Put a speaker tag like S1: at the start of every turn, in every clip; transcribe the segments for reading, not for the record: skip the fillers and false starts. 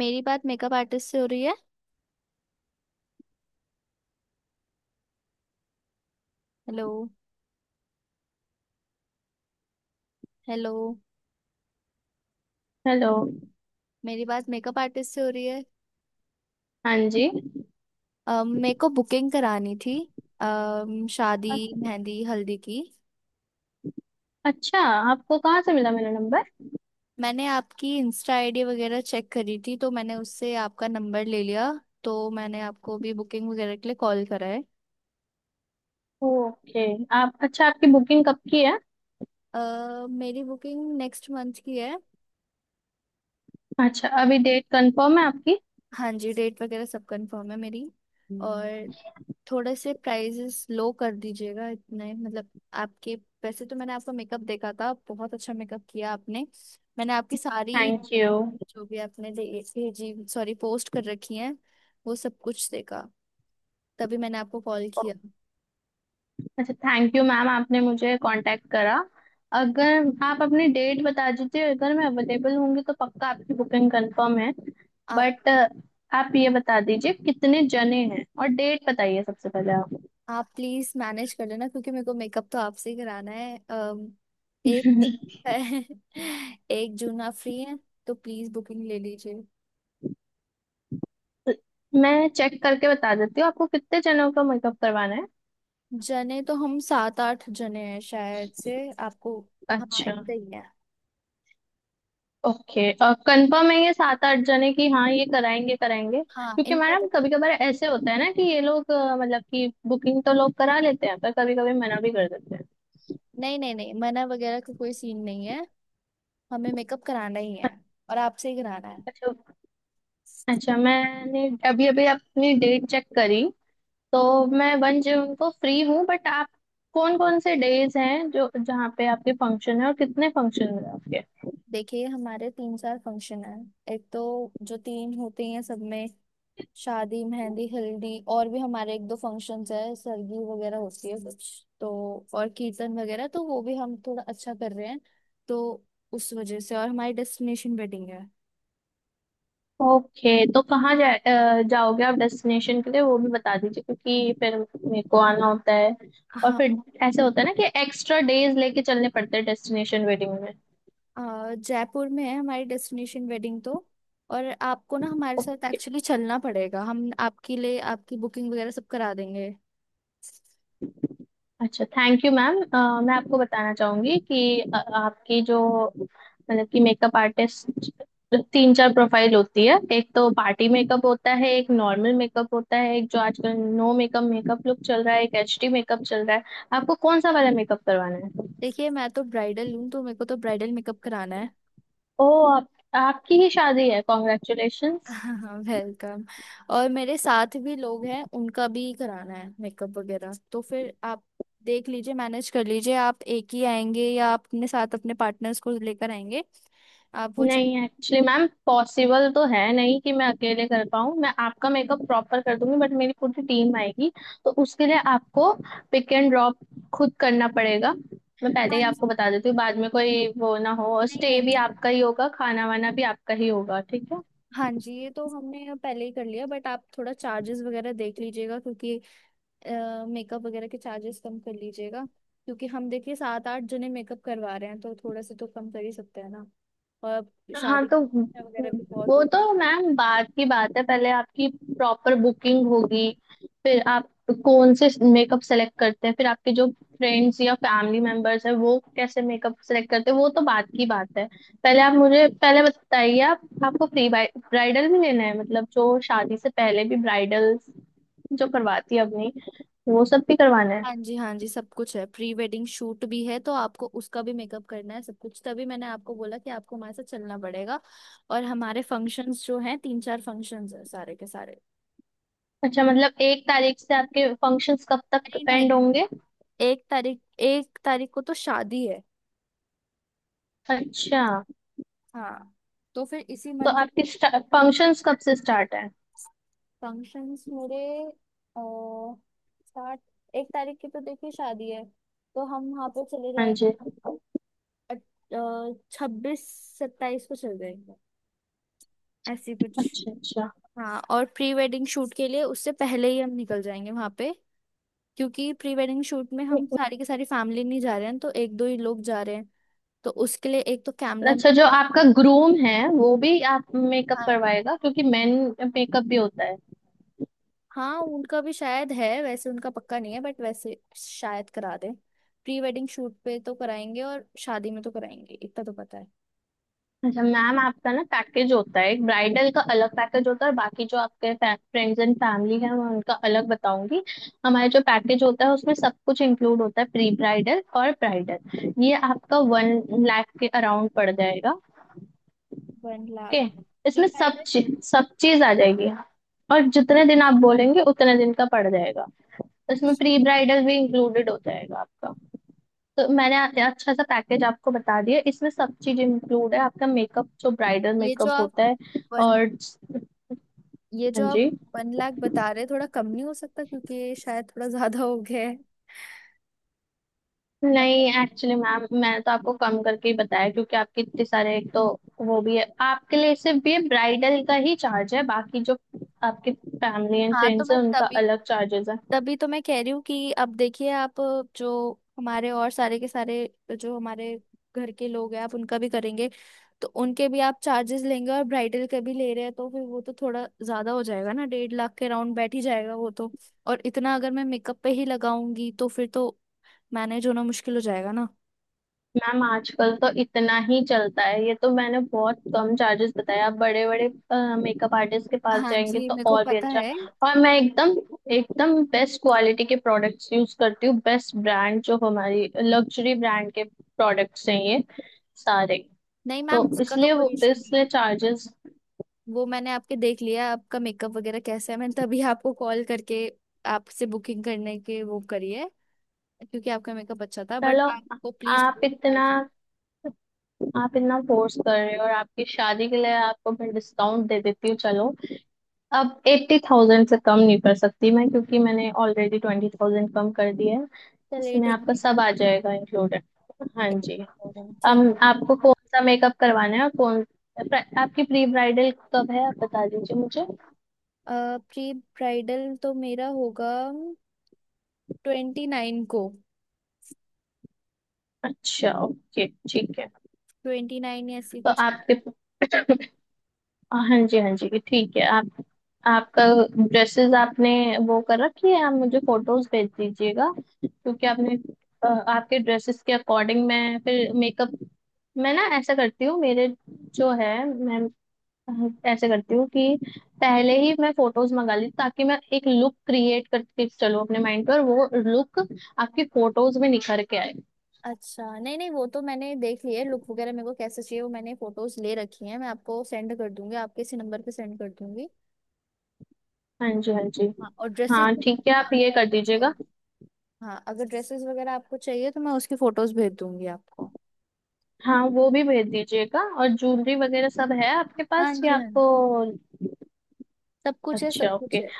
S1: मेरी बात makeup artist से हो रही है। हेलो। हेलो।
S2: हेलो।
S1: मेरी बात मेकअप आर्टिस्ट से हो रही है।
S2: हाँ जी।
S1: मेरे को बुकिंग करानी थी। शादी
S2: अ-
S1: मेहंदी हल्दी की।
S2: अच्छा, आपको कहाँ से मिला मेरा नंबर?
S1: मैंने आपकी इंस्टा आईडी वगैरह चेक करी थी, तो मैंने उससे आपका नंबर ले लिया। तो मैंने आपको भी बुकिंग वगैरह के लिए कॉल करा है।
S2: ओके। आप अच्छा, आपकी बुकिंग कब की है?
S1: मेरी बुकिंग नेक्स्ट मंथ की है।
S2: अच्छा, अभी डेट कंफर्म है आपकी?
S1: हाँ जी, डेट वगैरह सब कंफर्म है मेरी। और थोड़े से प्राइजेस लो कर दीजिएगा इतने मतलब आपके। वैसे तो मैंने आपका मेकअप देखा था, बहुत अच्छा मेकअप किया आपने। मैंने आपकी सारी
S2: थैंक यू।
S1: जो भी आपने भेजी सॉरी पोस्ट कर रखी है, वो सब कुछ देखा। तभी मैंने आपको कॉल किया।
S2: अच्छा, थैंक यू मैम, आपने मुझे कांटेक्ट करा। अगर आप अपनी डेट बता दीजिए, अगर मैं अवेलेबल होंगी तो पक्का आपकी बुकिंग कंफर्म है।
S1: आप
S2: बट आप ये बता दीजिए कितने जने हैं, और डेट बताइए सबसे पहले आप।
S1: आप प्लीज मैनेज कर लेना, क्योंकि मेरे को मेकअप तो आपसे ही कराना है। एक 1 जून आप फ्री हैं, तो प्लीज बुकिंग ले लीजिए।
S2: मैं चेक करके बता देती हूँ आपको कितने जनों का मेकअप करवाना है।
S1: जने तो हम सात आठ जने हैं शायद से। आपको। हाँ
S2: अच्छा।
S1: इतना ही है।
S2: ओके। कंफर्म है ये सात आठ जने की? हाँ, ये कराएंगे कराएंगे,
S1: हाँ
S2: क्योंकि
S1: इनका तो
S2: मैडम कभी कभार ऐसे होता है ना कि ये लोग मतलब कि बुकिंग तो लोग करा लेते हैं, पर कभी कभी मना भी कर देते हैं।
S1: नहीं नहीं नहीं, मना वगैरह का कोई सीन नहीं है। हमें मेकअप कराना ही है। और आपसे ही कराना है।
S2: अच्छा। अच्छा, मैंने अभी अभी अपनी डेट चेक करी, तो मैं 1 जून को फ्री हूँ। बट आप, कौन कौन से डेज हैं जो, जहाँ पे आपके फंक्शन है और कितने फंक्शन है आपके?
S1: देखिए हमारे तीन चार फंक्शन हैं। एक तो जो तीन होते हैं सब में, शादी मेहंदी हल्दी। और भी हमारे एक दो फंक्शंस है, सरगी वगैरह होती है कुछ तो। और कीर्तन वगैरह तो वो भी हम थोड़ा अच्छा कर रहे हैं, तो उस वजह से। और हमारी डेस्टिनेशन वेडिंग
S2: ओके। तो कहाँ जाओगे आप डेस्टिनेशन के लिए, वो भी बता दीजिए, क्योंकि फिर मेरे को आना होता है। और
S1: है।
S2: फिर ऐसे होता है ना कि एक्स्ट्रा डेज लेके चलने पड़ते हैं डेस्टिनेशन वेडिंग में।
S1: जयपुर में है हमारी डेस्टिनेशन वेडिंग तो। और आपको ना हमारे साथ
S2: ओके।
S1: एक्चुअली चलना पड़ेगा, हम आपके लिए आपकी बुकिंग वगैरह सब करा देंगे।
S2: अच्छा, थैंक यू मैम। मैं आपको बताना चाहूंगी कि आपकी जो, मतलब कि मेकअप आर्टिस्ट तीन चार प्रोफाइल होती है। एक तो पार्टी मेकअप होता है, एक नॉर्मल मेकअप होता है, एक जो आजकल नो मेकअप मेकअप लुक चल रहा है, एक एचडी मेकअप चल रहा है। आपको कौन सा वाला मेकअप करवाना है?
S1: देखिए मैं तो ब्राइडल हूँ, तो मेरे को तो ब्राइडल मेकअप कराना है।
S2: ओ आप आपकी ही शादी है? कॉन्ग्रेचुलेशंस।
S1: हाँ वेलकम। और मेरे साथ भी लोग हैं, उनका भी कराना है मेकअप वगैरह। तो फिर आप देख लीजिए मैनेज कर लीजिए। आप एक ही आएंगे या आप अपने साथ अपने पार्टनर्स को लेकर आएंगे। आप वो चेक।
S2: नहीं, एक्चुअली मैम पॉसिबल तो है नहीं कि मैं अकेले कर पाऊँ। मैं आपका मेकअप प्रॉपर कर दूंगी, बट मेरी पूरी टीम आएगी। तो उसके लिए आपको पिक एंड ड्रॉप खुद करना पड़ेगा। मैं पहले
S1: हाँ
S2: ही
S1: जी,
S2: आपको बता देती हूँ, बाद में कोई वो ना हो, और
S1: नहीं
S2: स्टे
S1: नहीं।
S2: भी आपका ही होगा, खाना वाना भी आपका ही होगा, ठीक है?
S1: हाँ जी, ये तो हमने पहले ही कर लिया, बट आप थोड़ा चार्जेस वगैरह देख लीजिएगा। क्योंकि मेकअप वगैरह के चार्जेस कम कर लीजिएगा। क्योंकि हम देखिए सात आठ जने मेकअप करवा रहे हैं, तो थोड़ा सा तो कम कर ही सकते हैं ना। और
S2: हाँ,
S1: शादी
S2: तो
S1: वगैरह भी बहुत
S2: वो
S1: हो।
S2: तो मैम बात की बात है, पहले आपकी प्रॉपर बुकिंग होगी, फिर आप कौन से मेकअप सेलेक्ट करते हैं, फिर आपके जो फ्रेंड्स या फैमिली मेंबर्स है, वो कैसे मेकअप सेलेक्ट करते हैं, वो तो बात की बात है। पहले आप मुझे पहले बताइए, आप आपको प्री ब्राइडल भी लेना है, मतलब जो शादी से पहले भी ब्राइडल जो करवाती है अपनी, वो सब भी करवाना है?
S1: हाँ जी हाँ जी, सब कुछ है। प्री वेडिंग शूट भी है, तो आपको उसका भी मेकअप करना है सब कुछ। तभी मैंने आपको बोला कि आपको हमारे साथ चलना पड़ेगा। और हमारे फंक्शंस जो हैं, तीन चार फंक्शंस है सारे के सारे।
S2: अच्छा, मतलब 1 तारीख से आपके फंक्शंस कब तक
S1: नहीं
S2: एंड
S1: नहीं,
S2: होंगे?
S1: 1 तारीख 1 तारीख को तो शादी है।
S2: अच्छा,
S1: हाँ, तो फिर इसी
S2: तो
S1: मंथ।
S2: आपकी फंक्शंस कब से स्टार्ट है?
S1: फंक्शंस मेरे अह, स्टार्ट, 1 तारीख की तो देखिए शादी है। तो हम वहां पे चले
S2: हाँ
S1: जाए,
S2: जी।
S1: 26 27 को चल जाएंगे ऐसी कुछ।
S2: अच्छा।
S1: हाँ और प्री वेडिंग शूट के लिए उससे पहले ही हम निकल जाएंगे वहां पे। क्योंकि प्री वेडिंग शूट में हम
S2: अच्छा।
S1: सारी की सारी फैमिली नहीं जा रहे हैं, तो एक दो ही लोग जा रहे हैं। तो उसके लिए एक तो कैमरा।
S2: अच्छा, जो आपका ग्रूम है वो भी आप मेकअप
S1: हाँ।
S2: करवाएगा, क्योंकि मेन मेकअप भी होता है।
S1: हाँ उनका भी शायद है, वैसे उनका पक्का नहीं है, बट वैसे शायद करा दे। प्री वेडिंग शूट पे तो कराएंगे और शादी में तो कराएंगे, इतना तो पता है।
S2: अच्छा मैम, आपका ना पैकेज होता है, एक ब्राइडल का अलग पैकेज होता है, और बाकी जो आपके फ्रेंड्स एंड फैमिली है, मैं उनका अलग बताऊंगी। हमारा जो पैकेज होता है उसमें सब कुछ इंक्लूड होता है, प्री ब्राइडल और ब्राइडल। ये आपका 1 लाख के अराउंड पड़ जाएगा।
S1: 1 लाख।
S2: ओके, इसमें
S1: प्री वेडिंग।
S2: सब चीज आ जाएगी, और जितने दिन आप बोलेंगे उतने दिन का पड़ जाएगा। तो इसमें
S1: अच्छा,
S2: प्री ब्राइडल भी इंक्लूडेड हो जाएगा आपका। तो मैंने अच्छा सा पैकेज आपको बता दिया, इसमें सब चीज इंक्लूड है, आपका मेकअप जो ब्राइडल
S1: ये जो
S2: मेकअप
S1: आप
S2: होता है।
S1: वन
S2: और,
S1: ये जो
S2: हाँ
S1: आप
S2: जी।
S1: 1 लाख बता रहे, थोड़ा कम नहीं हो सकता, क्योंकि ये शायद थोड़ा ज्यादा हो गया है।
S2: नहीं, एक्चुअली मैम मैंने तो आपको कम करके ही बताया, क्योंकि आपके इतने सारे, एक तो वो भी है, आपके लिए सिर्फ ये ब्राइडल का ही चार्ज है, बाकी जो आपके फैमिली एंड
S1: हाँ, तो
S2: फ्रेंड्स है
S1: मैं
S2: उनका
S1: तभी
S2: अलग चार्जेस है।
S1: तभी तो मैं कह रही हूँ कि अब देखिए आप, जो हमारे और सारे के सारे जो हमारे घर के लोग हैं आप उनका भी करेंगे। तो उनके भी आप चार्जेस लेंगे और ब्राइडल के भी ले रहे हैं, तो फिर वो तो थोड़ा ज्यादा हो जाएगा ना, 1.5 लाख के राउंड बैठ ही जाएगा वो तो। और इतना अगर मैं मेकअप पे ही लगाऊंगी तो फिर तो मैनेज होना मुश्किल हो जाएगा ना।
S2: मैम, आजकल तो इतना ही चलता है, ये तो मैंने बहुत कम चार्जेस बताया। आप बड़े बड़े मेकअप आर्टिस्ट के पास
S1: हाँ
S2: जाएंगे
S1: जी
S2: तो
S1: मेरे को
S2: और भी
S1: पता
S2: अच्छा।
S1: है।
S2: और मैं एकदम एकदम बेस्ट क्वालिटी के प्रोडक्ट्स यूज करती हूँ, बेस्ट ब्रांड, जो हमारी लग्जरी ब्रांड के प्रोडक्ट्स हैं ये सारे।
S1: नहीं मैम,
S2: तो
S1: उसका तो
S2: इसलिए वो,
S1: कोई इशू नहीं
S2: इसलिए
S1: है।
S2: चार्जेस।
S1: वो मैंने आपके देख लिया आपका मेकअप वगैरह कैसा है, मैंने तभी आपको कॉल करके आपसे बुकिंग करने के वो करी है, क्योंकि आपका मेकअप अच्छा था। बट
S2: चलो,
S1: आपको प्लीज।
S2: आप इतना, आप इतना फोर्स कर रहे हो, और आपकी शादी के लिए आपको मैं डिस्काउंट दे देती हूँ, चलो। अब 80,000 से कम नहीं कर सकती मैं, क्योंकि मैंने ऑलरेडी 20,000 कम कर दिया है।
S1: चलिए
S2: इसमें
S1: ठीक
S2: आपका
S1: है।
S2: सब आ जाएगा इंक्लूडेड। हाँ
S1: एक
S2: जी।
S1: और ठीक।
S2: अब आपको कौन सा मेकअप करवाना है, और कौन, आपकी प्री ब्राइडल कब है आप बता दीजिए मुझे।
S1: प्री ब्राइडल तो मेरा होगा 29 को।
S2: अच्छा ओके, ठीक है।
S1: 29 या ऐसी
S2: तो
S1: कुछ।
S2: आपके हाँ जी हाँ जी, ठीक है। आप, आपका ड्रेसेस आपने वो कर रखी है, आप मुझे फोटोज भेज दीजिएगा, क्योंकि आपने, आपके ड्रेसेस के अकॉर्डिंग मैं फिर मेकअप, मैं ना ऐसा करती हूँ, मेरे जो है मैं ऐसे करती हूँ कि पहले ही मैं फोटोज मंगा ली, ताकि मैं एक लुक क्रिएट करके चलूँ, अपने माइंड पर वो लुक आपकी फोटोज में निखर के आए।
S1: अच्छा नहीं नहीं, वो तो मैंने देख लिया है, लुक वगैरह मेरे को कैसे चाहिए वो मैंने फोटोज ले रखी हैं। मैं आपको सेंड कर दूंगी, आपके इसी नंबर पे सेंड कर दूंगी।
S2: हाँ जी हाँ जी।
S1: हाँ और ड्रेसेस।
S2: हाँ ठीक है, आप ये कर दीजिएगा।
S1: हाँ अगर ड्रेसेस वगैरह आपको चाहिए तो मैं उसकी फोटोज भेज दूंगी आपको।
S2: हाँ वो भी भेज दीजिएगा, और ज्वेलरी वगैरह सब है आपके
S1: हाँ
S2: पास
S1: जी
S2: या
S1: हाँ
S2: आपको?
S1: जी, सब कुछ है सब
S2: अच्छा
S1: कुछ
S2: ओके।
S1: है।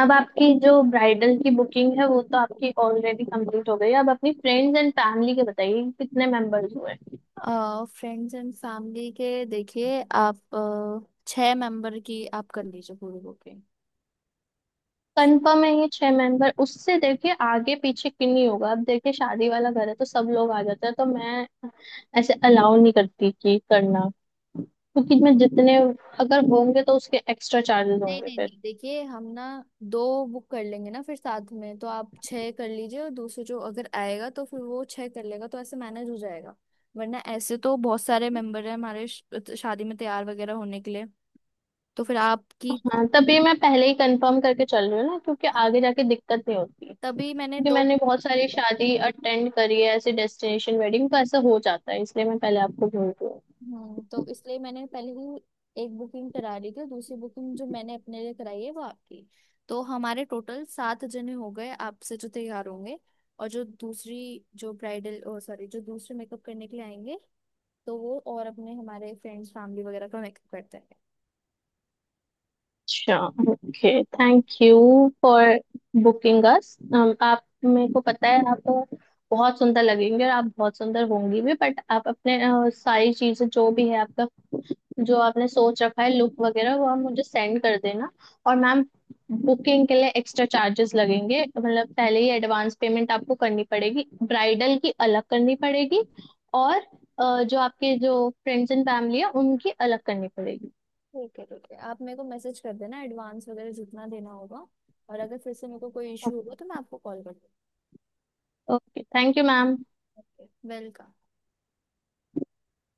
S2: अब आपकी जो ब्राइडल की बुकिंग है वो तो आपकी ऑलरेडी कंप्लीट हो गई, अब अपनी फ्रेंड्स एंड फैमिली के बताइए कि कितने मेंबर्स हुए।
S1: फ्रेंड्स एंड फैमिली के देखिए आप छह मेंबर की आप कर लीजिए पूरी बुकिंग।
S2: कंफर्म है ये 6 मेंबर, उससे देखिए आगे पीछे किन्हीं नहीं होगा, अब देखिए शादी वाला घर है तो सब लोग आ जाते हैं, तो मैं ऐसे अलाउ नहीं करती कि करना, क्योंकि मैं जितने अगर होंगे तो उसके एक्स्ट्रा चार्जेस
S1: नहीं
S2: होंगे।
S1: नहीं नहीं, देखिए हम ना दो बुक कर लेंगे ना फिर साथ में, तो आप छह कर लीजिए और दूसरे जो अगर आएगा तो फिर वो छह कर लेगा, तो ऐसे मैनेज हो जाएगा। वरना ऐसे तो बहुत सारे मेंबर हैं हमारे, शादी में तैयार वगैरह होने के लिए। तो फिर आपकी।
S2: हाँ, तभी मैं पहले ही कंफर्म करके चल रही हूँ ना, क्योंकि
S1: हाँ
S2: आगे जाके दिक्कत नहीं होती,
S1: तभी मैंने
S2: क्योंकि
S1: दो।
S2: मैंने बहुत सारी शादी अटेंड करी है, ऐसे डेस्टिनेशन वेडिंग तो ऐसा हो जाता है, इसलिए मैं पहले आपको बोल रही हूँ।
S1: तो इसलिए मैंने पहले ही एक बुकिंग करा ली थी, दूसरी बुकिंग जो मैंने अपने लिए कराई है वो आपकी। तो हमारे टोटल सात जने हो गए आपसे जो तैयार होंगे। और जो दूसरी जो ब्राइडल ओ सॉरी जो दूसरे मेकअप करने के लिए आएंगे, तो वो और अपने हमारे फ्रेंड्स फैमिली वगैरह का मेकअप करते हैं।
S2: अच्छा ओके।
S1: हाँ
S2: thank you for booking us. आप, मेरे को पता है आप बहुत सुंदर लगेंगे, और आप बहुत सुंदर होंगी भी, बट आप अपने, सारी चीजें जो भी है आपका, जो आपने सोच रखा है लुक वगैरह, वो आप मुझे सेंड कर देना। और मैम, बुकिंग के लिए एक्स्ट्रा चार्जेस लगेंगे, मतलब पहले ही एडवांस पेमेंट आपको करनी पड़ेगी, ब्राइडल की अलग करनी पड़ेगी, और जो आपके जो फ्रेंड्स एंड फैमिली है उनकी अलग करनी पड़ेगी।
S1: ठीक है ठीक है, आप मेरे को मैसेज कर देना एडवांस वगैरह जितना देना होगा। और अगर फिर से मेरे को कोई इशू होगा तो मैं आपको कॉल कर
S2: ओके थैंक यू मैम।
S1: दूँगी। वेलकम।